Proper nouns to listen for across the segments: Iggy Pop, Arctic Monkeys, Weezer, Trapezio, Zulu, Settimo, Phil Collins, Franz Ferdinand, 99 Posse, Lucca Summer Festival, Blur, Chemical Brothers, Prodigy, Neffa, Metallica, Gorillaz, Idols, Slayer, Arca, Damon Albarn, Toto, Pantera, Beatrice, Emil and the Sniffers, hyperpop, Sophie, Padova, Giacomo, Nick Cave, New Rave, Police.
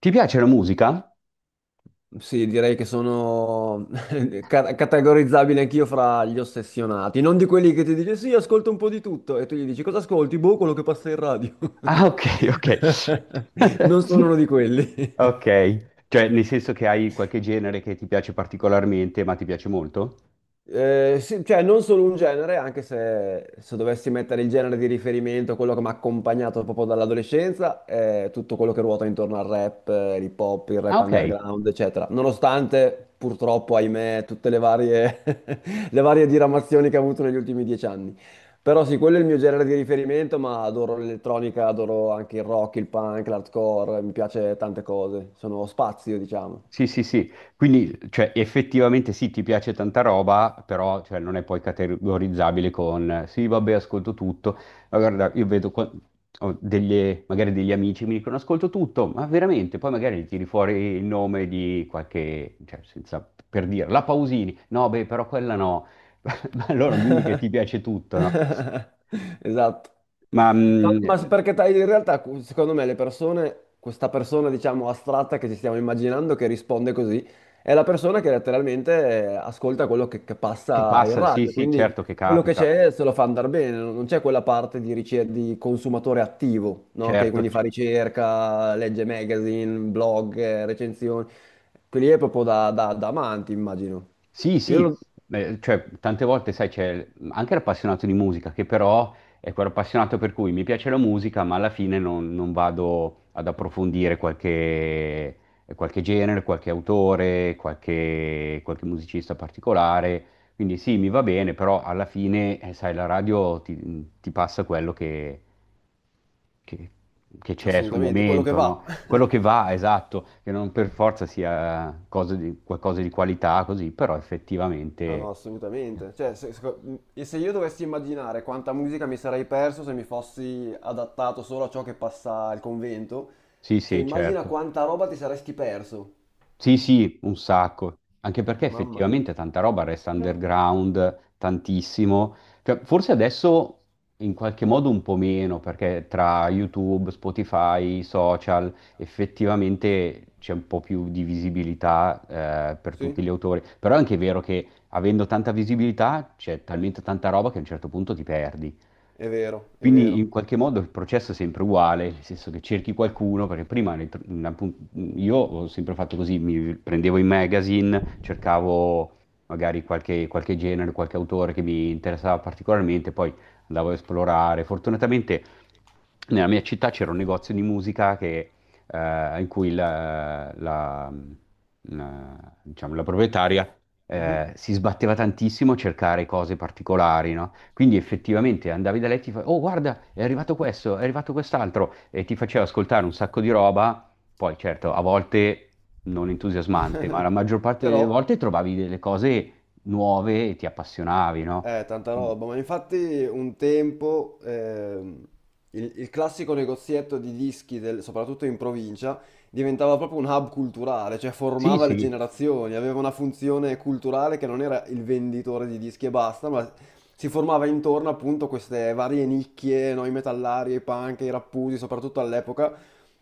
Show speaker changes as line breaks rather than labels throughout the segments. Ti piace la musica?
Sì, direi che sono categorizzabile anch'io fra gli ossessionati, non di quelli che ti dice sì, ascolta un po' di tutto e tu gli dici cosa ascolti? Boh, quello che passa in radio.
Ah, ok, ok.
Non sono uno di quelli.
Ok, cioè nel senso che hai qualche genere che ti piace particolarmente, ma ti piace molto?
Sì, cioè non solo un genere, anche se dovessi mettere il genere di riferimento, quello che mi ha accompagnato proprio dall'adolescenza, è tutto quello che ruota intorno al rap, l'hip hop, il
Ah,
rap
ok.
underground, eccetera. Nonostante, purtroppo, ahimè, tutte le varie, le varie diramazioni che ha avuto negli ultimi 10 anni. Però sì, quello è il mio genere di riferimento, ma adoro l'elettronica, adoro anche il rock, il punk, l'hardcore, mi piace tante cose, sono spazio, diciamo.
Sì, sì, sì, quindi cioè, effettivamente sì, ti piace tanta roba, però cioè, non è poi categorizzabile con sì, vabbè, ascolto tutto. Ma guarda, io vedo ho magari degli amici mi dicono ascolto tutto, ma veramente, poi magari gli tiri fuori il nome di qualche, cioè, senza, per dire, la Pausini, no, beh, però quella no, ma allora non dimmi che ti piace tutto, no?
Esatto.
Ma
Ta- Ma s- perché ta- in realtà, secondo me, le persone, questa persona, diciamo, astratta che ci stiamo immaginando che risponde così, è la persona che letteralmente ascolta quello che
che
passa in
passa? Sì,
radio,
sì,
quindi
certo che
quello che
capita,
c'è se lo fa andare bene, non c'è quella parte di consumatore attivo, no? Che
certo.
quindi fa ricerca, legge magazine, blog, recensioni, quelli è proprio da amanti, immagino.
Sì,
Io
sì,
lo-
cioè tante volte, sai, c'è anche l'appassionato di musica, che però è quell'appassionato per cui mi piace la musica, ma alla fine non, non vado ad approfondire qualche, qualche genere, qualche autore, qualche musicista particolare. Quindi sì, mi va bene, però alla fine, sai, la radio ti passa quello che che c'è sul
Assolutamente, quello che
momento,
va.
no? Quello che va, esatto, che non per forza sia cosa qualcosa di qualità, così, però
Ah
effettivamente...
no, assolutamente. Cioè, se, seco- e se io dovessi immaginare quanta musica mi sarei perso se mi fossi adattato solo a ciò che passa al convento,
Sì,
cioè
sì,
immagina
certo.
quanta roba ti saresti perso.
Sì, sì, un sacco, anche perché
Mamma mia.
effettivamente tanta roba resta underground, tantissimo. Cioè, forse adesso in qualche modo un po' meno, perché tra YouTube, Spotify, social, effettivamente c'è un po' più di visibilità, per
Sì,
tutti gli autori. Però è anche vero che avendo tanta visibilità c'è talmente tanta roba che a un certo punto ti perdi.
è vero, è
Quindi in
vero.
qualche modo il processo è sempre uguale, nel senso che cerchi qualcuno, perché prima appunto io ho sempre fatto così, mi prendevo i magazine, cercavo magari qualche genere, qualche autore che mi interessava particolarmente, poi andavo a esplorare. Fortunatamente nella mia città c'era un negozio di musica che, in cui diciamo, la proprietaria
Mhm.
si sbatteva tantissimo a cercare cose particolari, no? Quindi effettivamente andavi da lei e ti fa: oh guarda, è arrivato questo, è arrivato quest'altro, e ti faceva ascoltare un sacco di roba. Poi certo, a volte non entusiasmante, ma la maggior parte delle
Però,
volte trovavi delle cose nuove e ti appassionavi, no?
Tanta
Quindi-
roba, ma infatti un tempo il classico negozietto di dischi, soprattutto in provincia, diventava proprio un hub culturale, cioè
Sì,
formava le
sì,
generazioni, aveva una funzione culturale che non era il venditore di dischi e basta, ma si formava intorno appunto a queste varie nicchie, no? I metallari, i punk, i rappusi, soprattutto all'epoca,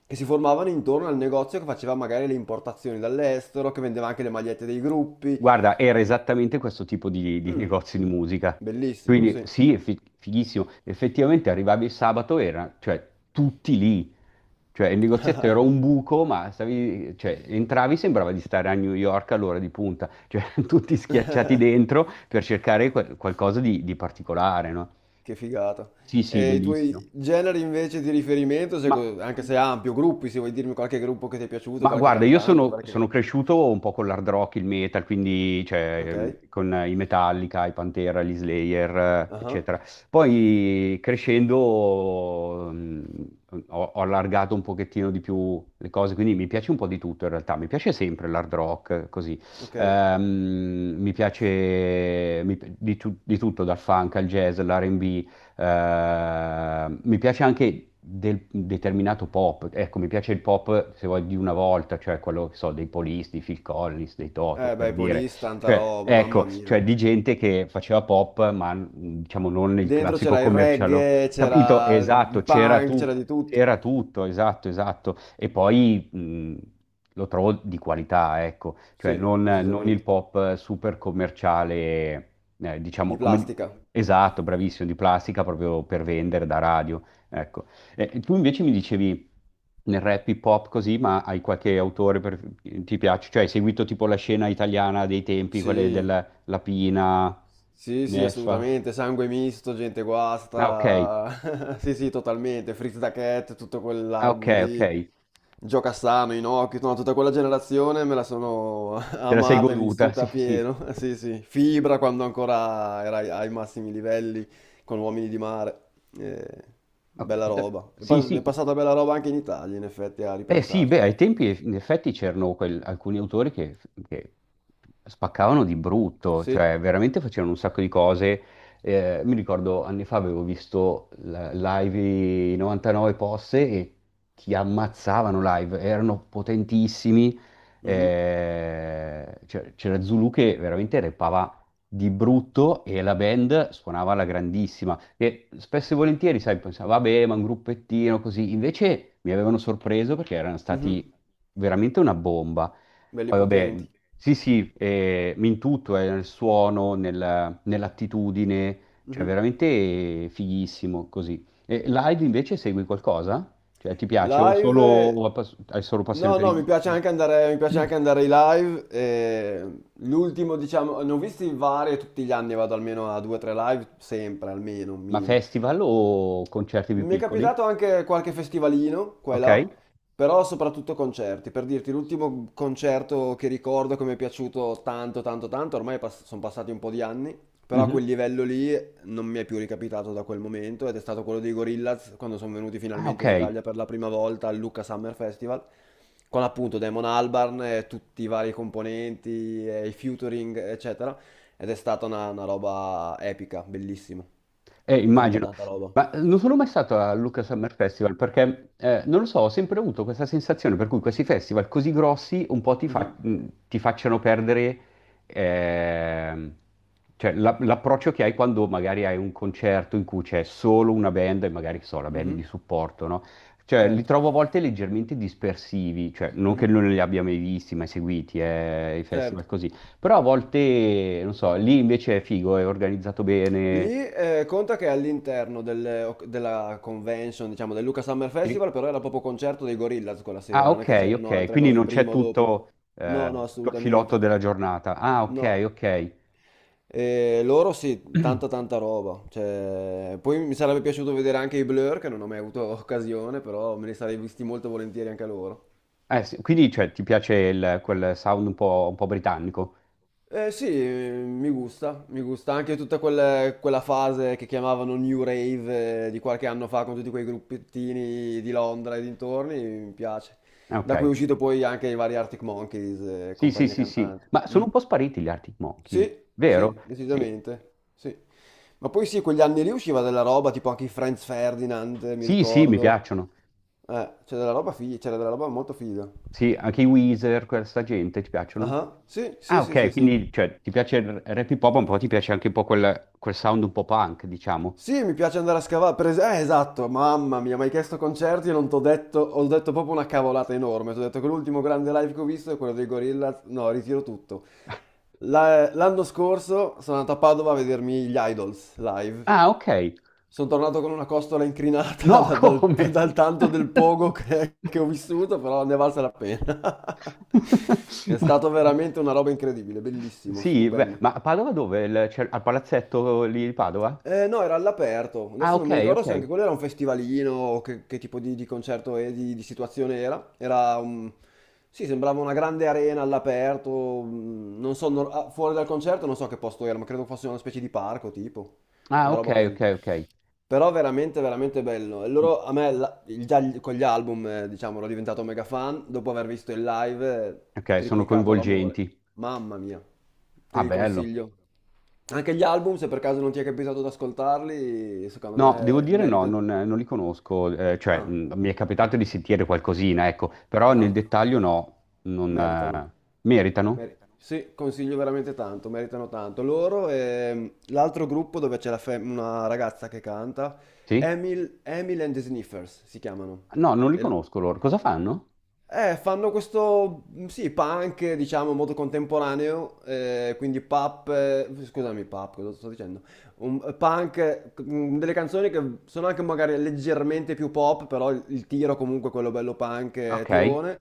che si formavano intorno al negozio che faceva magari le importazioni dall'estero, che vendeva anche le magliette dei gruppi.
guarda, era esattamente questo tipo di
Mm,
negozio di musica.
bellissimo,
Quindi
sì.
sì, è fighissimo. Effettivamente arrivavi il sabato, era, cioè, tutti lì. Cioè, il negozietto era un buco, ma stavi, cioè, entravi, sembrava di stare a New York all'ora di punta. Cioè, tutti schiacciati dentro per cercare qualcosa di particolare, no?
Che figata.
Sì, sì,
E i
bellissimo.
tuoi generi invece di riferimento, se
Ma,
co- anche se ampio, gruppi, se vuoi dirmi qualche gruppo che ti è piaciuto,
ma
qualche
guarda, io
cantante,
sono, sono
qualche...
cresciuto un po' con l'hard rock, il metal, quindi cioè,
Ok?
con i Metallica, i Pantera, gli Slayer,
Ah,
eccetera. Poi crescendo ho allargato un pochettino di più le cose, quindi mi piace un po' di tutto in realtà. Mi piace sempre l'hard rock, così.
ok. Eh
Mi piace mi pi- di, tu- di tutto, dal funk al jazz, all'R&B, mi piace anche del determinato pop, ecco, mi piace il pop, se vuoi, di una volta, cioè quello, che so, dei Police, dei Phil Collins, dei Toto,
beh,
per
i
dire.
Police, tanta
Cioè,
roba, mamma
ecco, cioè
mia.
di gente che faceva pop, ma diciamo non il
Dentro
classico
c'era il
commerciale.
reggae,
Capito?
c'era
Esatto,
il punk, c'era di tutto.
c'era tutto, esatto, esatto. E poi lo trovo di qualità, ecco, cioè
Sì,
non il
decisamente.
pop super commerciale,
Di
diciamo, come...
plastica.
Esatto, bravissimo, di plastica proprio per vendere da radio, ecco. E tu invece mi dicevi nel rap hip hop così, ma hai qualche autore per... ti piace? Cioè hai seguito tipo la scena italiana dei tempi,
Sì,
quelle della Lapina,
sì, sì,
Neffa?
assolutamente. Sangue misto, gente
Ah, ok,
guasta. Sì, sì, totalmente. Fritz da Cat, tutto
ah, ok,
quell'album
ok.
lì. Gioca sano, Inoki, no, tutta quella generazione me la sono
Te la sei
amata e
goduta,
vissuta
sì,
a
sì.
pieno. Sì, sì. Fibra quando ancora era ai massimi livelli con Uomini di Mare. Eh,
Ok.
bella roba. È,
Sì,
pas- è
sì.
passata bella roba anche in Italia, in effetti, a
Eh sì, beh,
ripensarci.
ai tempi in effetti c'erano alcuni autori che spaccavano di brutto,
Sì,
cioè veramente facevano un sacco di cose. Mi ricordo anni fa avevo visto live i 99 Posse e ti ammazzavano live, erano potentissimi.
mh-mh.
C'era Zulu che veramente repava di brutto e la band suonava alla grandissima. E spesso e volentieri, sai, pensavo, vabbè, ma un gruppettino così. Invece mi avevano sorpreso perché erano
Mh-mh.
stati veramente una bomba.
Belli
Poi, vabbè,
potenti.
sì, sì, in tutto, nel suono, nell'attitudine, cioè
Mh-mh.
veramente fighissimo così. E live invece segui qualcosa? Cioè, ti piace o
Live
solo, o hai solo passione
no,
per i
no, mi piace
dischi?
anche andare mi piace anche andare ai live, l'ultimo diciamo ne ho visti vari, tutti gli anni vado almeno a 2, 3 live, sempre almeno, un
Ma
minimo.
festival o concerti più
Mi è
piccoli?
capitato anche qualche festivalino qua e là,
Ok?
però soprattutto concerti. Per dirti, l'ultimo concerto che ricordo che mi è piaciuto tanto, tanto, tanto, ormai sono passati un po' di anni, però a quel
Mhm.
livello lì non mi è più ricapitato da quel momento ed è stato quello dei Gorillaz quando sono venuti
Ah, ok.
finalmente in Italia per la prima volta al Lucca Summer Festival, con appunto Damon Albarn e tutti i vari componenti, e i featuring, eccetera, ed è stata una roba epica, bellissima.
Eh,
Tanta,
immagino.
tanta roba.
Ma non sono mai stato al Lucca Summer Festival perché, non lo so, ho sempre avuto questa sensazione per cui questi festival così grossi un po'
Mhm.
ti facciano perdere ehm, cioè, l'approccio che hai quando magari hai un concerto in cui c'è solo una band e magari, che so, la band di
Mhm,
supporto, no? Cioè, li
certo,
trovo a volte leggermente dispersivi, cioè, non che
mhm,
non li abbia mai visti, mai seguiti, i
certo.
festival così, però a volte, non so, lì invece è figo, è organizzato
Lì
bene.
conta che all'interno della convention, diciamo, del Luca Summer
Sì.
Festival, però era proprio concerto dei Gorillaz quella
Ah,
sera, non è che
ok,
c'erano
ok,
altre
quindi
cose
non c'è
prima o dopo.
tutto,
No, no,
tutto il filotto
assolutamente.
della giornata. Ah, ok,
No.
ok.
E loro sì, tanta tanta roba. Cioè, poi mi sarebbe piaciuto vedere anche i Blur, che non ho mai avuto occasione, però me li sarei visti molto volentieri anche loro.
Sì, quindi cioè, ti piace quel sound un po' britannico?
Eh sì, mi gusta anche tutta quella fase che chiamavano New Rave di qualche anno fa con tutti quei gruppettini di Londra e dintorni, mi piace.
Ah, ok,
Da cui è uscito poi anche i vari Arctic Monkeys e
sì, sì,
compagnia
sì, sì.
cantante.
Ma sono
Mm.
un po' spariti gli Arctic Monkeys,
Sì,
vero?
sì,
Sì,
decisamente, sì. Ma poi sì, quegli anni lì usciva della roba, tipo anche i Franz Ferdinand, mi
sì, sì, mi
ricordo.
piacciono.
C'era della roba figa, c'era della roba molto figa.
Sì, anche i Weezer, questa gente, ti piacciono?
Ah, sì,
Ah,
sì, sì,
ok,
sì, sì.
quindi cioè, ti piace il rap hip hop, un po' ti piace anche un po' quel sound un po' punk, diciamo.
Sì, mi piace andare a scavare. Esatto, mamma mia, mi hai chiesto concerti e non t'ho detto, ho detto proprio una cavolata enorme. Ti ho detto che l'ultimo grande live che ho visto è quello dei Gorillaz. No, ritiro tutto. L'anno scorso sono andato a Padova a vedermi gli Idols live.
Ah, ok.
Sono tornato con una costola incrinata
No,
da- dal,
come?
dal tanto del pogo che, che ho vissuto, però ne è valsa la pena. È
Ma-
stato veramente una roba incredibile, bellissimo,
Sì, beh,
stupendo.
ma a Padova dove? Al palazzetto lì di Padova?
No, era all'aperto.
Ah,
Adesso non
ok,
mi ricordo
ok.
se anche quello era un festivalino o che, tipo di concerto e di situazione era. Era un... Sì, sembrava una grande arena all'aperto. Non so, fuori dal concerto non so che posto era, ma credo fosse una specie di parco, tipo.
Ah,
Una
ok,
roba
ok,
così.
ok.
Però veramente, veramente bello. E loro, a me, con gli album, diciamo, ero diventato mega fan. Dopo aver visto il live,
Ok, sono
triplicato l'amore.
coinvolgenti.
Mamma mia, te
Ah,
li
bello.
consiglio. Anche gli album, se per caso non ti è capitato di ascoltarli, secondo
No, devo
me
dire no,
merita...
non li conosco, cioè
Ah,
mi è capitato di sentire qualcosina, ecco, però
ah,
nel dettaglio no, non
meritano.
meritano?
Sì, consiglio veramente tanto, meritano tanto. Loro e l'altro gruppo dove c'è una ragazza che canta,
Sì?
Emil and the Sniffers si chiamano.
No, non li
E- l-
conosco loro. Cosa fanno?
Fanno questo, sì, punk, diciamo, molto contemporaneo, quindi pop, scusami, pop, cosa sto dicendo? Punk, delle canzoni che sono anche magari leggermente più pop, però il tiro comunque è quello bello punk,
Ok.
tirone.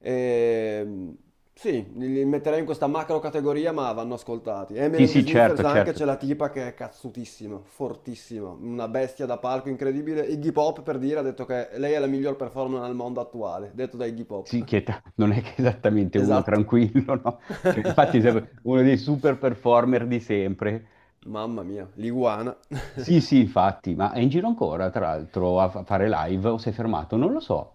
Ehm, sì, li metterei in questa macro categoria, ma vanno ascoltati. Emily
Sì,
and the
sì,
Sniffers
certo,
anche
certo.
c'è la tipa che è cazzutissima, fortissima, una bestia da palco incredibile. Iggy Pop per dire ha detto che lei è la miglior performer al mondo attuale, detto da Iggy
Sì,
Pop.
non è che è esattamente uno
Esatto.
tranquillo, no? Cioè, infatti è uno dei super performer di sempre.
Mamma mia, l'iguana.
Sì, sì, infatti, ma è in giro ancora, tra l'altro, a fare live o si è fermato? Non lo so.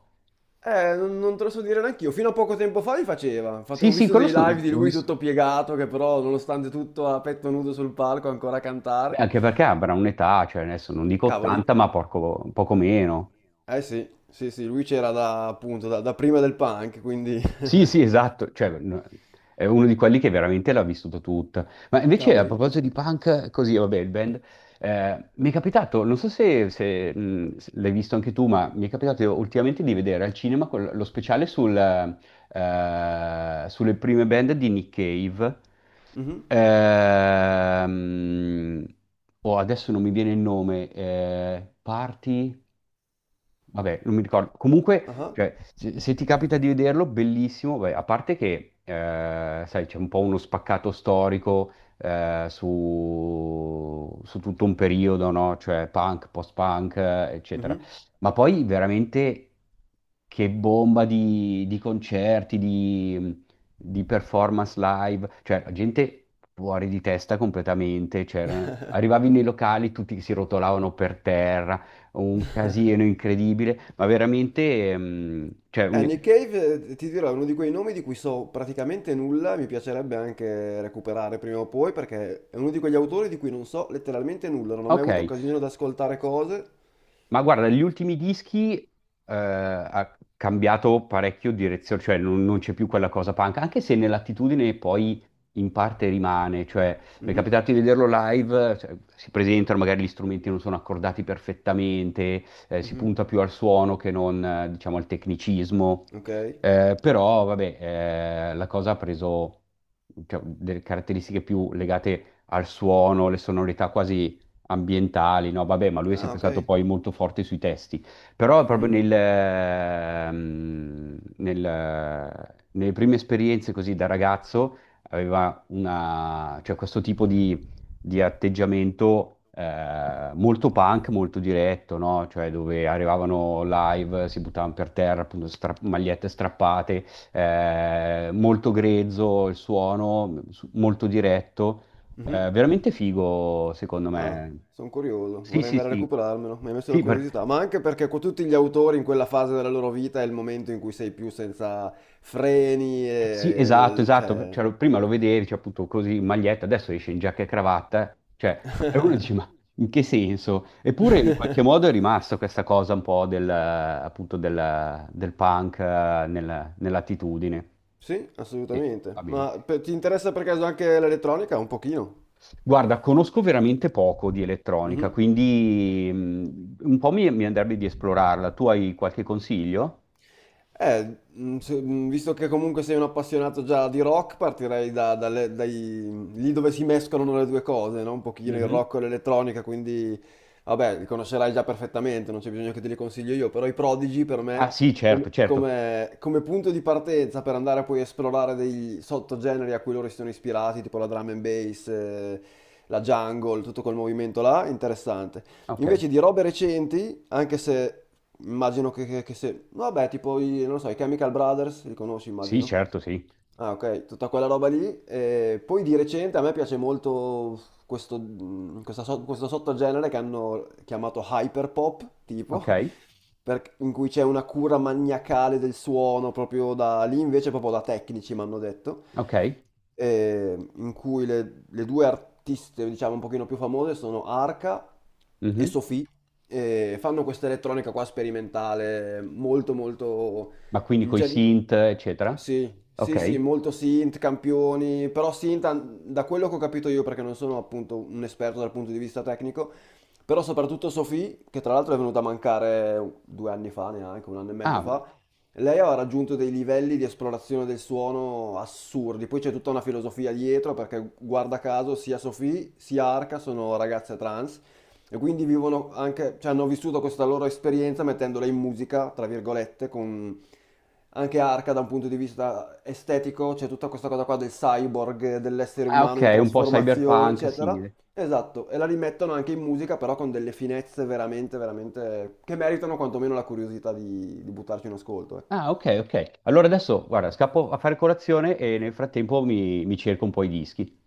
Non te lo so dire neanch'io. Fino a poco tempo fa li faceva.
Sì,
Ho
sì,
visto
quello
dei live di
ho
lui
visto.
tutto piegato, che però, nonostante tutto, a petto nudo sul palco, ancora a
Beh,
cantare.
anche perché avrà un'età, cioè adesso non dico
Cavoli.
80, ma poco meno.
Eh sì, sì, sì, lui c'era da, appunto, da prima del punk, quindi...
Sì, sì, esatto, cioè, no, è uno di quelli che veramente l'ha vissuto tutta. Ma invece a
Cavoli.
proposito di punk, così, vabbè, il band, mi è capitato, non so se l'hai visto anche tu, ma mi è capitato ultimamente di vedere al cinema lo speciale sulle prime band di Nick Cave.
Mhm.
Ehm, oh, adesso non mi viene il nome, Party... Vabbè, non mi ricordo. Comunque,
Ah.
cioè, se ti capita di vederlo, bellissimo. Beh, a parte che, sai, c'è un po' uno spaccato storico su, tutto un periodo, no? Cioè punk, post-punk, eccetera.
Mhm.
Ma poi veramente che bomba di concerti, di performance live. Cioè, la gente fuori di testa completamente. Arrivavi nei locali, tutti si rotolavano per terra, un casino incredibile, ma veramente, cioè,
Nick Cave, ti dirò, è uno di quei nomi di cui so praticamente nulla, mi piacerebbe anche recuperare prima o poi, perché è uno di quegli autori di cui non so letteralmente nulla, non ho mai
ok.
avuto occasione di ascoltare cose.
Ma guarda, gli ultimi dischi ha cambiato parecchio direzione, cioè non c'è più quella cosa punk, anche se nell'attitudine poi in parte rimane, cioè mi è
Mhm,
capitato di vederlo live, cioè, si presentano, magari gli strumenti non sono accordati perfettamente, si
mhm,
punta più al suono che non, diciamo, al tecnicismo.
ok.
Però vabbè, la cosa ha preso, cioè, delle caratteristiche più legate al suono, le sonorità quasi ambientali, no, vabbè, ma lui è
Ah,
sempre
ok.
stato poi molto forte sui testi, però
Mhm,
proprio nelle prime esperienze così da ragazzo aveva una, cioè, questo tipo di atteggiamento molto punk, molto diretto, no? Cioè dove arrivavano live, si buttavano per terra, appunto, magliette strappate, molto grezzo il suono, molto diretto,
mhm.
è veramente figo, secondo
Ah,
me.
sono curioso,
Sì,
vorrei
sì,
andare a
sì.
recuperarmelo, mi hai messo la
Sì,
curiosità, ma anche perché con tutti gli autori in quella fase della loro vita è il momento in cui sei più senza freni
sì,
e
esatto, esatto.
cioè...
Cioè, prima lo vedevi, cioè, appunto così in maglietta, adesso esce in giacca e cravatta. Cioè, e uno dice, ma in che senso? Eppure in qualche modo è rimasta questa cosa un po' del punk nell'attitudine.
Sì,
Sì, va
assolutamente,
bene.
ma ti interessa per caso anche l'elettronica? Un pochino.
Guarda, conosco veramente poco di
Mhm.
elettronica, quindi un po' mi andrebbe di esplorarla. Tu hai qualche consiglio?
Visto che comunque sei un appassionato già di rock, partirei da, lì dove si mescolano le due cose, no? Un pochino il
Mhm.
rock e l'elettronica, quindi vabbè, li conoscerai già perfettamente, non c'è bisogno che te li consiglio io, però i Prodigy per me,
Ah sì, certo,
come,
certo.
come- come punto di partenza per andare a poi esplorare dei sottogeneri a cui loro si sono ispirati, tipo la drum and bass, la jungle, tutto quel movimento là, interessante.
Ok.
Invece di robe recenti, anche se immagino che, che se... no, vabbè, tipo, non lo so, i Chemical Brothers, li conosci,
Sì,
immagino.
certo, sì.
Ah, ok, tutta quella roba lì. E poi di recente a me piace molto questo, questo sottogenere che hanno chiamato hyperpop, tipo,
Ok,
in cui c'è una cura maniacale del suono, proprio da lì invece, proprio da tecnici, mi hanno detto,
ok.
e in cui le due artiste, diciamo, un pochino più famose sono Arca e
Mhm.
Sophie, e fanno questa elettronica qua sperimentale molto molto
Ma quindi
in
coi
cer-
synth, eccetera.
Sì, sì, sì,
Ok.
molto synth, campioni, però synth, da quello che ho capito io, perché non sono appunto un esperto dal punto di vista tecnico, però soprattutto Sophie, che tra l'altro è venuta a mancare 2 anni fa, neanche un anno e mezzo
Ah,
fa, lei aveva raggiunto dei livelli di esplorazione del suono assurdi, poi c'è tutta una filosofia dietro, perché guarda caso sia Sophie sia Arca sono ragazze trans, e quindi vivono anche, cioè hanno vissuto questa loro esperienza mettendola in musica, tra virgolette, con anche Arca da un punto di vista estetico, c'è tutta questa cosa qua del cyborg, dell'essere
ah, ok,
umano in
un po'
trasformazione,
cyberpunk
eccetera.
simile.
Esatto, e la rimettono anche in musica, però con delle finezze veramente, veramente che meritano quantomeno la curiosità di buttarci un ascolto, ecco.
Ah, ok, ok. Allora adesso, guarda, scappo a fare colazione e nel frattempo mi cerco un po' i dischi.